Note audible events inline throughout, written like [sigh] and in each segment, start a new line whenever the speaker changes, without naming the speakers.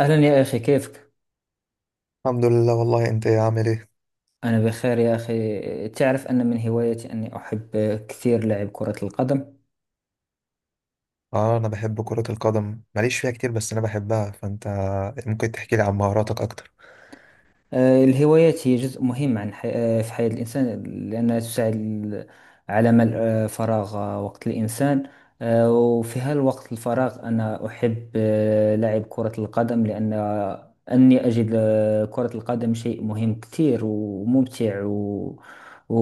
أهلا يا أخي، كيفك؟
الحمد لله. والله انت يا عامل ايه؟
أنا بخير يا أخي. تعرف أن من هوايتي أني أحب كثير لعب كرة القدم.
اه، انا بحب كرة القدم، ماليش فيها كتير بس انا بحبها. فانت ممكن تحكي لي عن مهاراتك اكتر؟
الهوايات هي جزء مهم عن حي... آه، في حياة الإنسان لأنها تساعد على ملء فراغ وقت الإنسان. وفي هالوقت الفراغ أنا أحب لعب كرة القدم لأن أني أجد كرة القدم شيء مهم كثير وممتع و...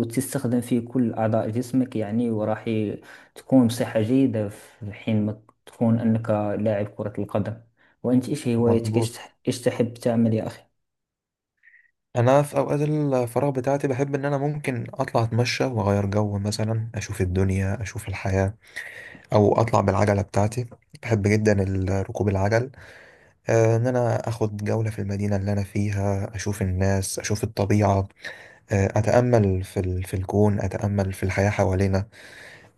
وتستخدم فيه كل أعضاء جسمك يعني تكون بصحة جيدة في حين ما تكون أنك لاعب كرة القدم. وأنت، إيش هوايتك؟
مظبوط.
إيش تحب تعمل يا أخي؟
انا في اوقات الفراغ بتاعتي بحب ان انا ممكن اطلع اتمشى واغير جو، مثلا اشوف الدنيا اشوف الحياة، او اطلع بالعجلة بتاعتي. بحب جدا ركوب العجل. ان انا اخد جولة في المدينة اللي انا فيها، اشوف الناس اشوف الطبيعة. اتامل في الكون، اتامل في الحياة حوالينا.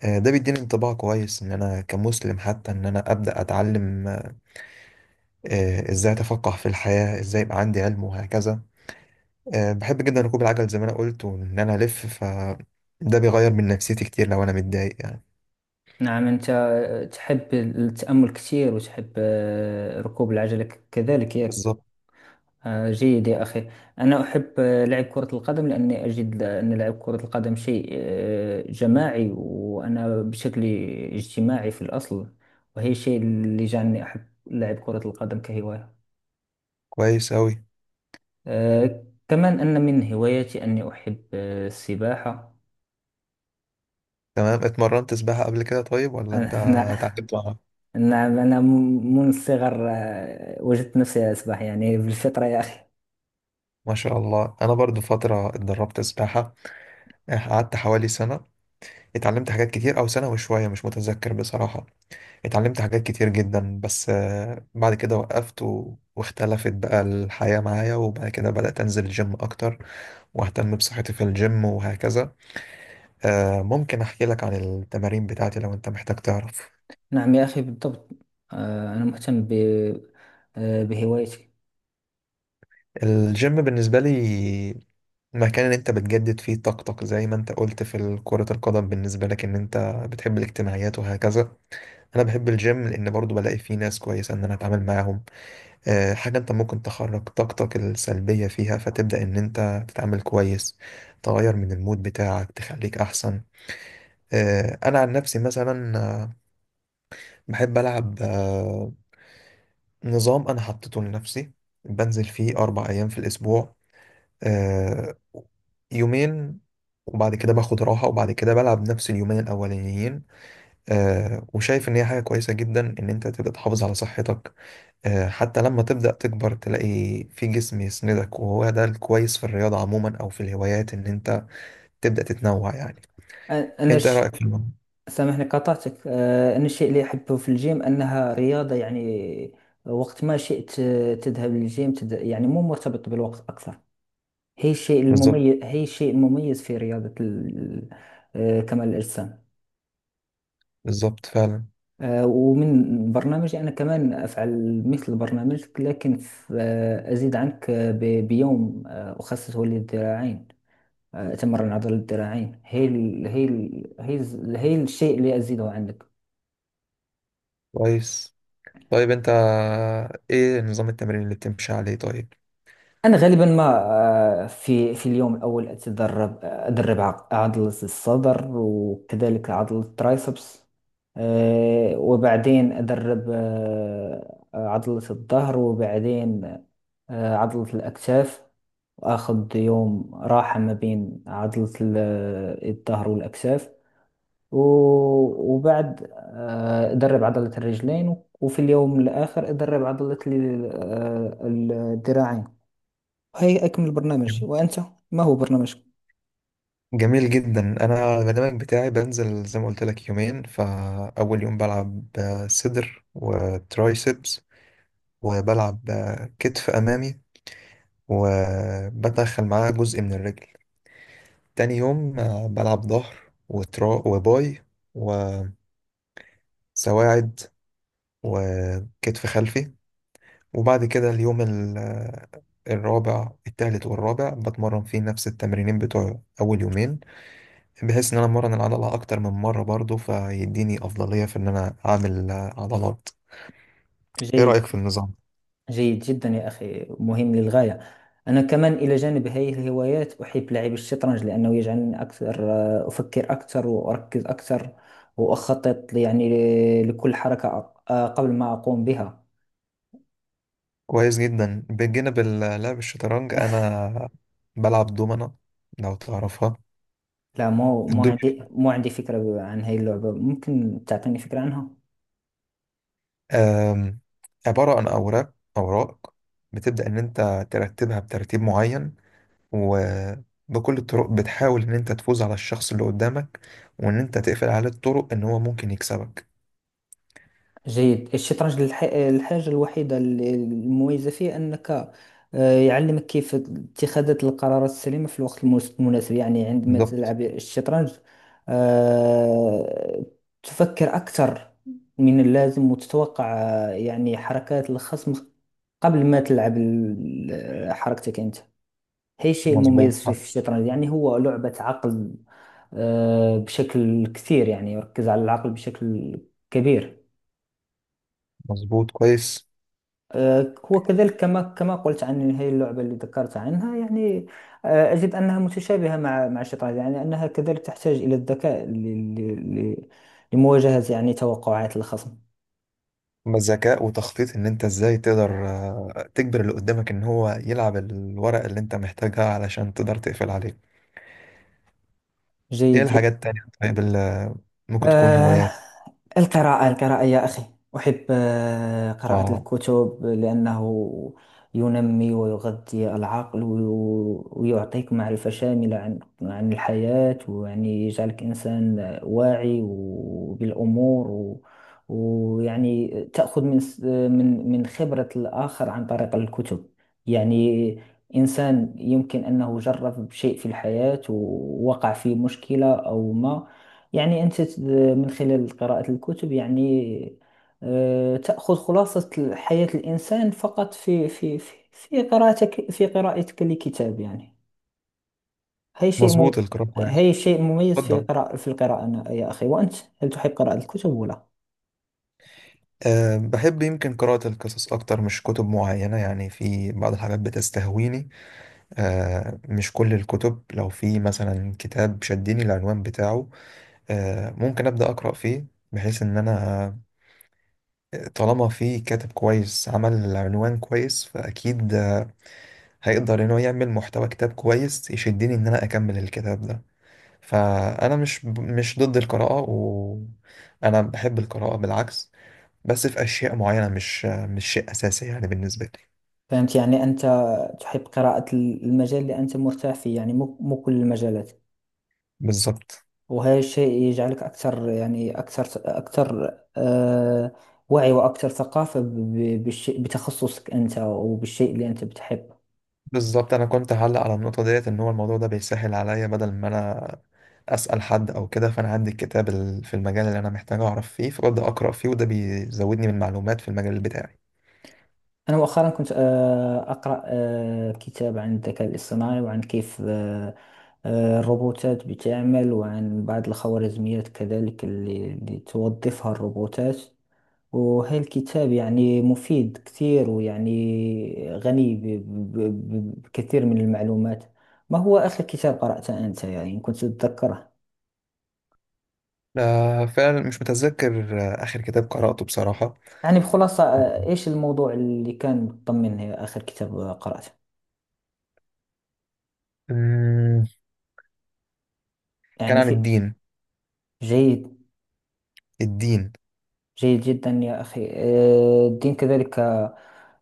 ده بيديني انطباع كويس، ان انا كمسلم حتى ان انا ابدا اتعلم ازاي اتفقه في الحياه، ازاي يبقى عندي علم وهكذا. بحب جدا ركوب العجل زي ما انا قلت، وان انا الف ف ده بيغير من نفسيتي كتير لو انا متضايق يعني.
نعم، أنت تحب التأمل كثير وتحب ركوب العجلة كذلك، ياك؟
بالظبط.
جيد يا أخي. أنا أحب لعب كرة القدم لأني أجد أن لعب كرة القدم شيء جماعي، وأنا بشكل اجتماعي في الأصل، وهي الشيء اللي جعلني أحب لعب كرة القدم كهواية.
كويس اوي.
كمان أن من هواياتي أني أحب السباحة.
تمام، اتمرنت سباحه قبل كده طيب ولا انت
أنا [laughs]
اتعلمت معاها؟
نعم، أنا منذ الصغر وجدت نفسي أسبح يعني بالفطرة يا أخي.
ما شاء الله، انا برضو فتره اتدربت سباحه. قعدت حوالي سنه، اتعلمت حاجات كتير، او سنه وشويه مش متذكر بصراحه. اتعلمت حاجات كتير جدا، بس بعد كده وقفت واختلفت بقى الحياة معايا، وبعد كده بدأت أنزل الجيم أكتر وأهتم بصحتي في الجيم وهكذا. ممكن أحكي لك عن التمارين بتاعتي لو أنت محتاج تعرف.
نعم يا أخي، بالضبط. أنا مهتم ب... آه، بهوايتي.
الجيم بالنسبة لي مكان اللي أنت بتجدد فيه طاقتك، زي ما أنت قلت في كرة القدم بالنسبة لك إن أنت بتحب الاجتماعيات وهكذا. أنا بحب الجيم لأن برضو بلاقي فيه ناس كويسة إن أنا أتعامل معاهم. حاجة انت ممكن تخرج طاقتك السلبية فيها، فتبدأ ان انت تتعامل كويس، تغير من المود بتاعك، تخليك احسن. انا عن نفسي مثلا، بحب العب نظام انا حطيته لنفسي، بنزل فيه اربع ايام في الاسبوع. آه، يومين وبعد كده باخد راحة، وبعد كده بلعب نفس اليومين الأولانيين. آه، وشايف إن هي حاجة كويسة جدا إن أنت تبقى تحافظ على صحتك. حتى لما تبدأ تكبر تلاقي في جسم يسندك، وهو ده الكويس في الرياضة عموما أو في الهوايات، إن أنت تبدأ تتنوع يعني.
أ- أنا
أنت إيه
ش...
رأيك في الموضوع؟
سامحني قطعتك. أنا الشيء اللي أحبه في الجيم أنها رياضة، يعني وقت ما شئت تذهب للجيم، يعني مو مرتبط بالوقت أكثر.
بالظبط.
هي الشيء المميز في رياضة ال... آه، كمال الأجسام.
بالظبط فعلا.
ومن برنامجي أنا كمان أفعل مثل برنامجك، لكن أزيد عنك بيوم أخصصه للذراعين. تمرن العضلة الذراعين هي الشيء اللي أزيده عندك.
كويس. طيب أنت إيه نظام التمرين اللي بتمشي عليه طيب؟
أنا غالبا ما في اليوم الأول أدرب عضلة الصدر وكذلك عضلة الترايسبس. وبعدين أدرب عضلة الظهر، وبعدين عضلة الأكتاف. وآخذ يوم راحة ما بين عضلة الظهر والأكتاف. وبعد درب عضلة الرجلين. وفي اليوم الآخر أدرب عضلة الذراعين. هاي أكمل برنامج. وأنت، ما هو برنامجك؟
جميل جدا. أنا البرنامج بتاعي بنزل زي ما قلت لك يومين، فأول يوم بلعب صدر وترايسبس، وبلعب كتف أمامي، وبدخل معاه جزء من الرجل. تاني يوم بلعب ظهر وترا وباي وسواعد وكتف خلفي. وبعد كده اليوم الرابع، التالت والرابع بتمرن فيه نفس التمرينين بتوع أول يومين، بحيث إن أنا أمرن العضلة أكتر من مرة، برضو فيديني أفضلية في إن أنا أعمل عضلات. إيه
جيد.
رأيك في النظام؟
جيد جدا يا أخي، مهم للغاية. أنا كمان إلى جانب هذه الهوايات أحب لعب الشطرنج، لأنه يجعلني أكثر، أفكر أكثر وأركز أكثر وأخطط، يعني يعني لكل حركة قبل ما أقوم بها.
كويس جدا. بجانب لعب الشطرنج، أنا بلعب دومنة لو تعرفها.
لا، مو عندي فكرة عن هاي اللعبة. ممكن تعطيني فكرة عنها؟
آم، عبارة عن أوراق، بتبدأ إن أنت ترتبها بترتيب معين، وبكل الطرق بتحاول إن أنت تفوز على الشخص اللي قدامك، وإن أنت تقفل عليه الطرق إن هو ممكن يكسبك.
جيد. الشطرنج، الحاجة الوحيدة المميزة فيه أنك يعلمك كيف اتخاذ القرارات السليمة في الوقت المناسب، يعني عندما
بالظبط.
تلعب الشطرنج آه، تفكر أكثر من اللازم وتتوقع يعني حركات الخصم قبل ما تلعب حركتك أنت. هي الشيء
مظبوط،
المميز فيه
صح.
في الشطرنج، يعني هو لعبة عقل بشكل كثير، يعني يركز على العقل بشكل كبير.
مظبوط. كويس.
وكذلك، كما قلت عن هذه اللعبة اللي ذكرت عنها، يعني أجد أنها متشابهة مع الشطرنج، يعني أنها كذلك تحتاج إلى الذكاء لمواجهة، يعني توقعات الخصم.
ذكاء وتخطيط، إن أنت إزاي تقدر تجبر اللي قدامك إن هو يلعب الورق اللي أنت محتاجها علشان تقدر تقفل عليه. إيه
جيد.
الحاجات التانية طيب اللي ممكن تكون
آه،
هوايات؟
القراءة، القراءة يا أخي. أحب آه، قراءة
آه.
الكتب لأنه ينمي ويغذي العقل ويعطيك معرفة شاملة عن الحياة، ويعني يجعلك إنسان واعي بالأمور، ويعني تأخذ من من خبرة الآخر عن طريق الكتب. يعني إنسان يمكن أنه جرب شيء في الحياة ووقع في مشكلة أو ما، يعني أنت من خلال قراءة الكتب، يعني تأخذ خلاصة حياة الإنسان فقط في قراءتك لكتاب، يعني هي شيء مم...
مظبوط، القراءة كويس.
هي شيء مميز في
اتفضل.
في القراءة يا أخي. وأنت، هل تحب قراءة الكتب ولا؟
أه، بحب يمكن قراءة القصص أكتر، مش كتب معينة. يعني في بعض الحاجات بتستهويني، أه، مش كل الكتب. لو في مثلا كتاب شدني العنوان بتاعه، أه، ممكن أبدأ أقرأ فيه، بحيث إن أنا طالما في كاتب كويس عمل العنوان كويس فأكيد هيقدر إن هو يعمل محتوى كتاب كويس يشدني إن أنا أكمل الكتاب ده. فأنا مش ضد القراءة، وأنا بحب القراءة بالعكس، بس في اشياء معينه مش شيء اساسي يعني بالنسبه لي.
فهمت، يعني أنت تحب قراءة المجال اللي أنت مرتاح فيه، يعني مو كل المجالات.
بالظبط.
وهذا الشيء يجعلك أكثر، أكثر آه، وعي وأكثر ثقافة بالشيء، بتخصصك أنت وبالشيء اللي أنت بتحبه.
بالظبط، انا كنت هعلق على النقطه ديت ان هو الموضوع ده بيسهل عليا بدل ما انا اسال حد او كده، فانا عندي الكتاب في المجال اللي انا محتاج اعرف فيه، فببدا اقرا فيه، وده بيزودني من معلومات في المجال بتاعي.
أنا مؤخرا كنت أقرأ كتاب عن الذكاء الاصطناعي، وعن كيف الروبوتات بتعمل، وعن بعض الخوارزميات كذلك اللي توظفها الروبوتات. وهي الكتاب يعني مفيد كثير، ويعني غني بكثير من المعلومات. ما هو آخر كتاب قرأته أنت، يعني إن كنت تتذكره؟
فعلا مش متذكر اخر كتاب قراته بصراحه.
يعني بخلاصة، إيش الموضوع اللي كان مطمن آخر كتاب قرأته،
أمم، كان
يعني
عن
في.
الدين.
جيد.
الدين.
جيد جدا يا أخي. الدين كذلك،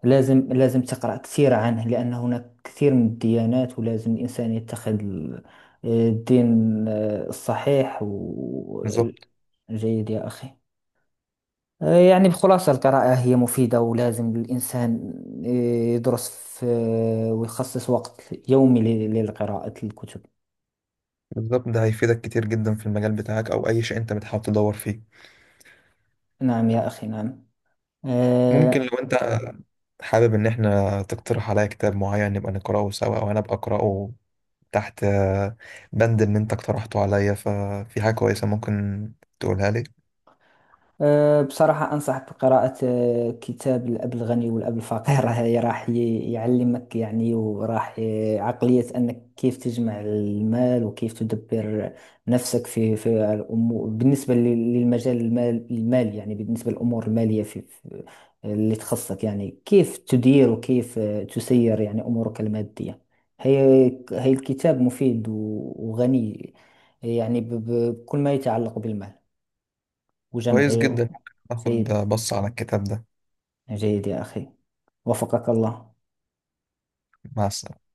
لازم تقرأ كثير عنه، لأن هناك كثير من الديانات، ولازم الإنسان يتخذ الدين الصحيح.
بالظبط.
جيد يا أخي. يعني بخلاصة، القراءة هي مفيدة، ولازم الإنسان آه، يدرس في آه، ويخصص وقت يومي للقراءة الكتب.
بالظبط، ده هيفيدك كتير جدا في المجال بتاعك او اي شيء انت بتحاول تدور فيه.
نعم يا أخي، نعم.
ممكن
آه،
لو انت حابب ان احنا تقترح عليا كتاب معين نبقى نقراه سوا، وانا ابقى اقراه تحت بند اللي انت اقترحته عليا، ففي حاجة كويسة ممكن تقولها لي.
أه، بصراحة أنصح بقراءة كتاب الأب الغني والأب الفقير. [laughs] هاي راح يعلمك، يعني، وراح عقلية أنك كيف تجمع المال وكيف تدبر نفسك في الأمور، بالنسبة لل- للمجال المالي، يعني بالنسبة للأمور المالية في اللي تخصك، يعني كيف تدير وكيف تسير يعني أمورك المادية. هي هي الكتاب مفيد وغني، يعني بكل ما يتعلق بالمال
كويس
وجمعي.
جدا، ممكن اخد
جيد.
بص على الكتاب ده.
جيد يا أخي، وفقك الله.
مع السلامة.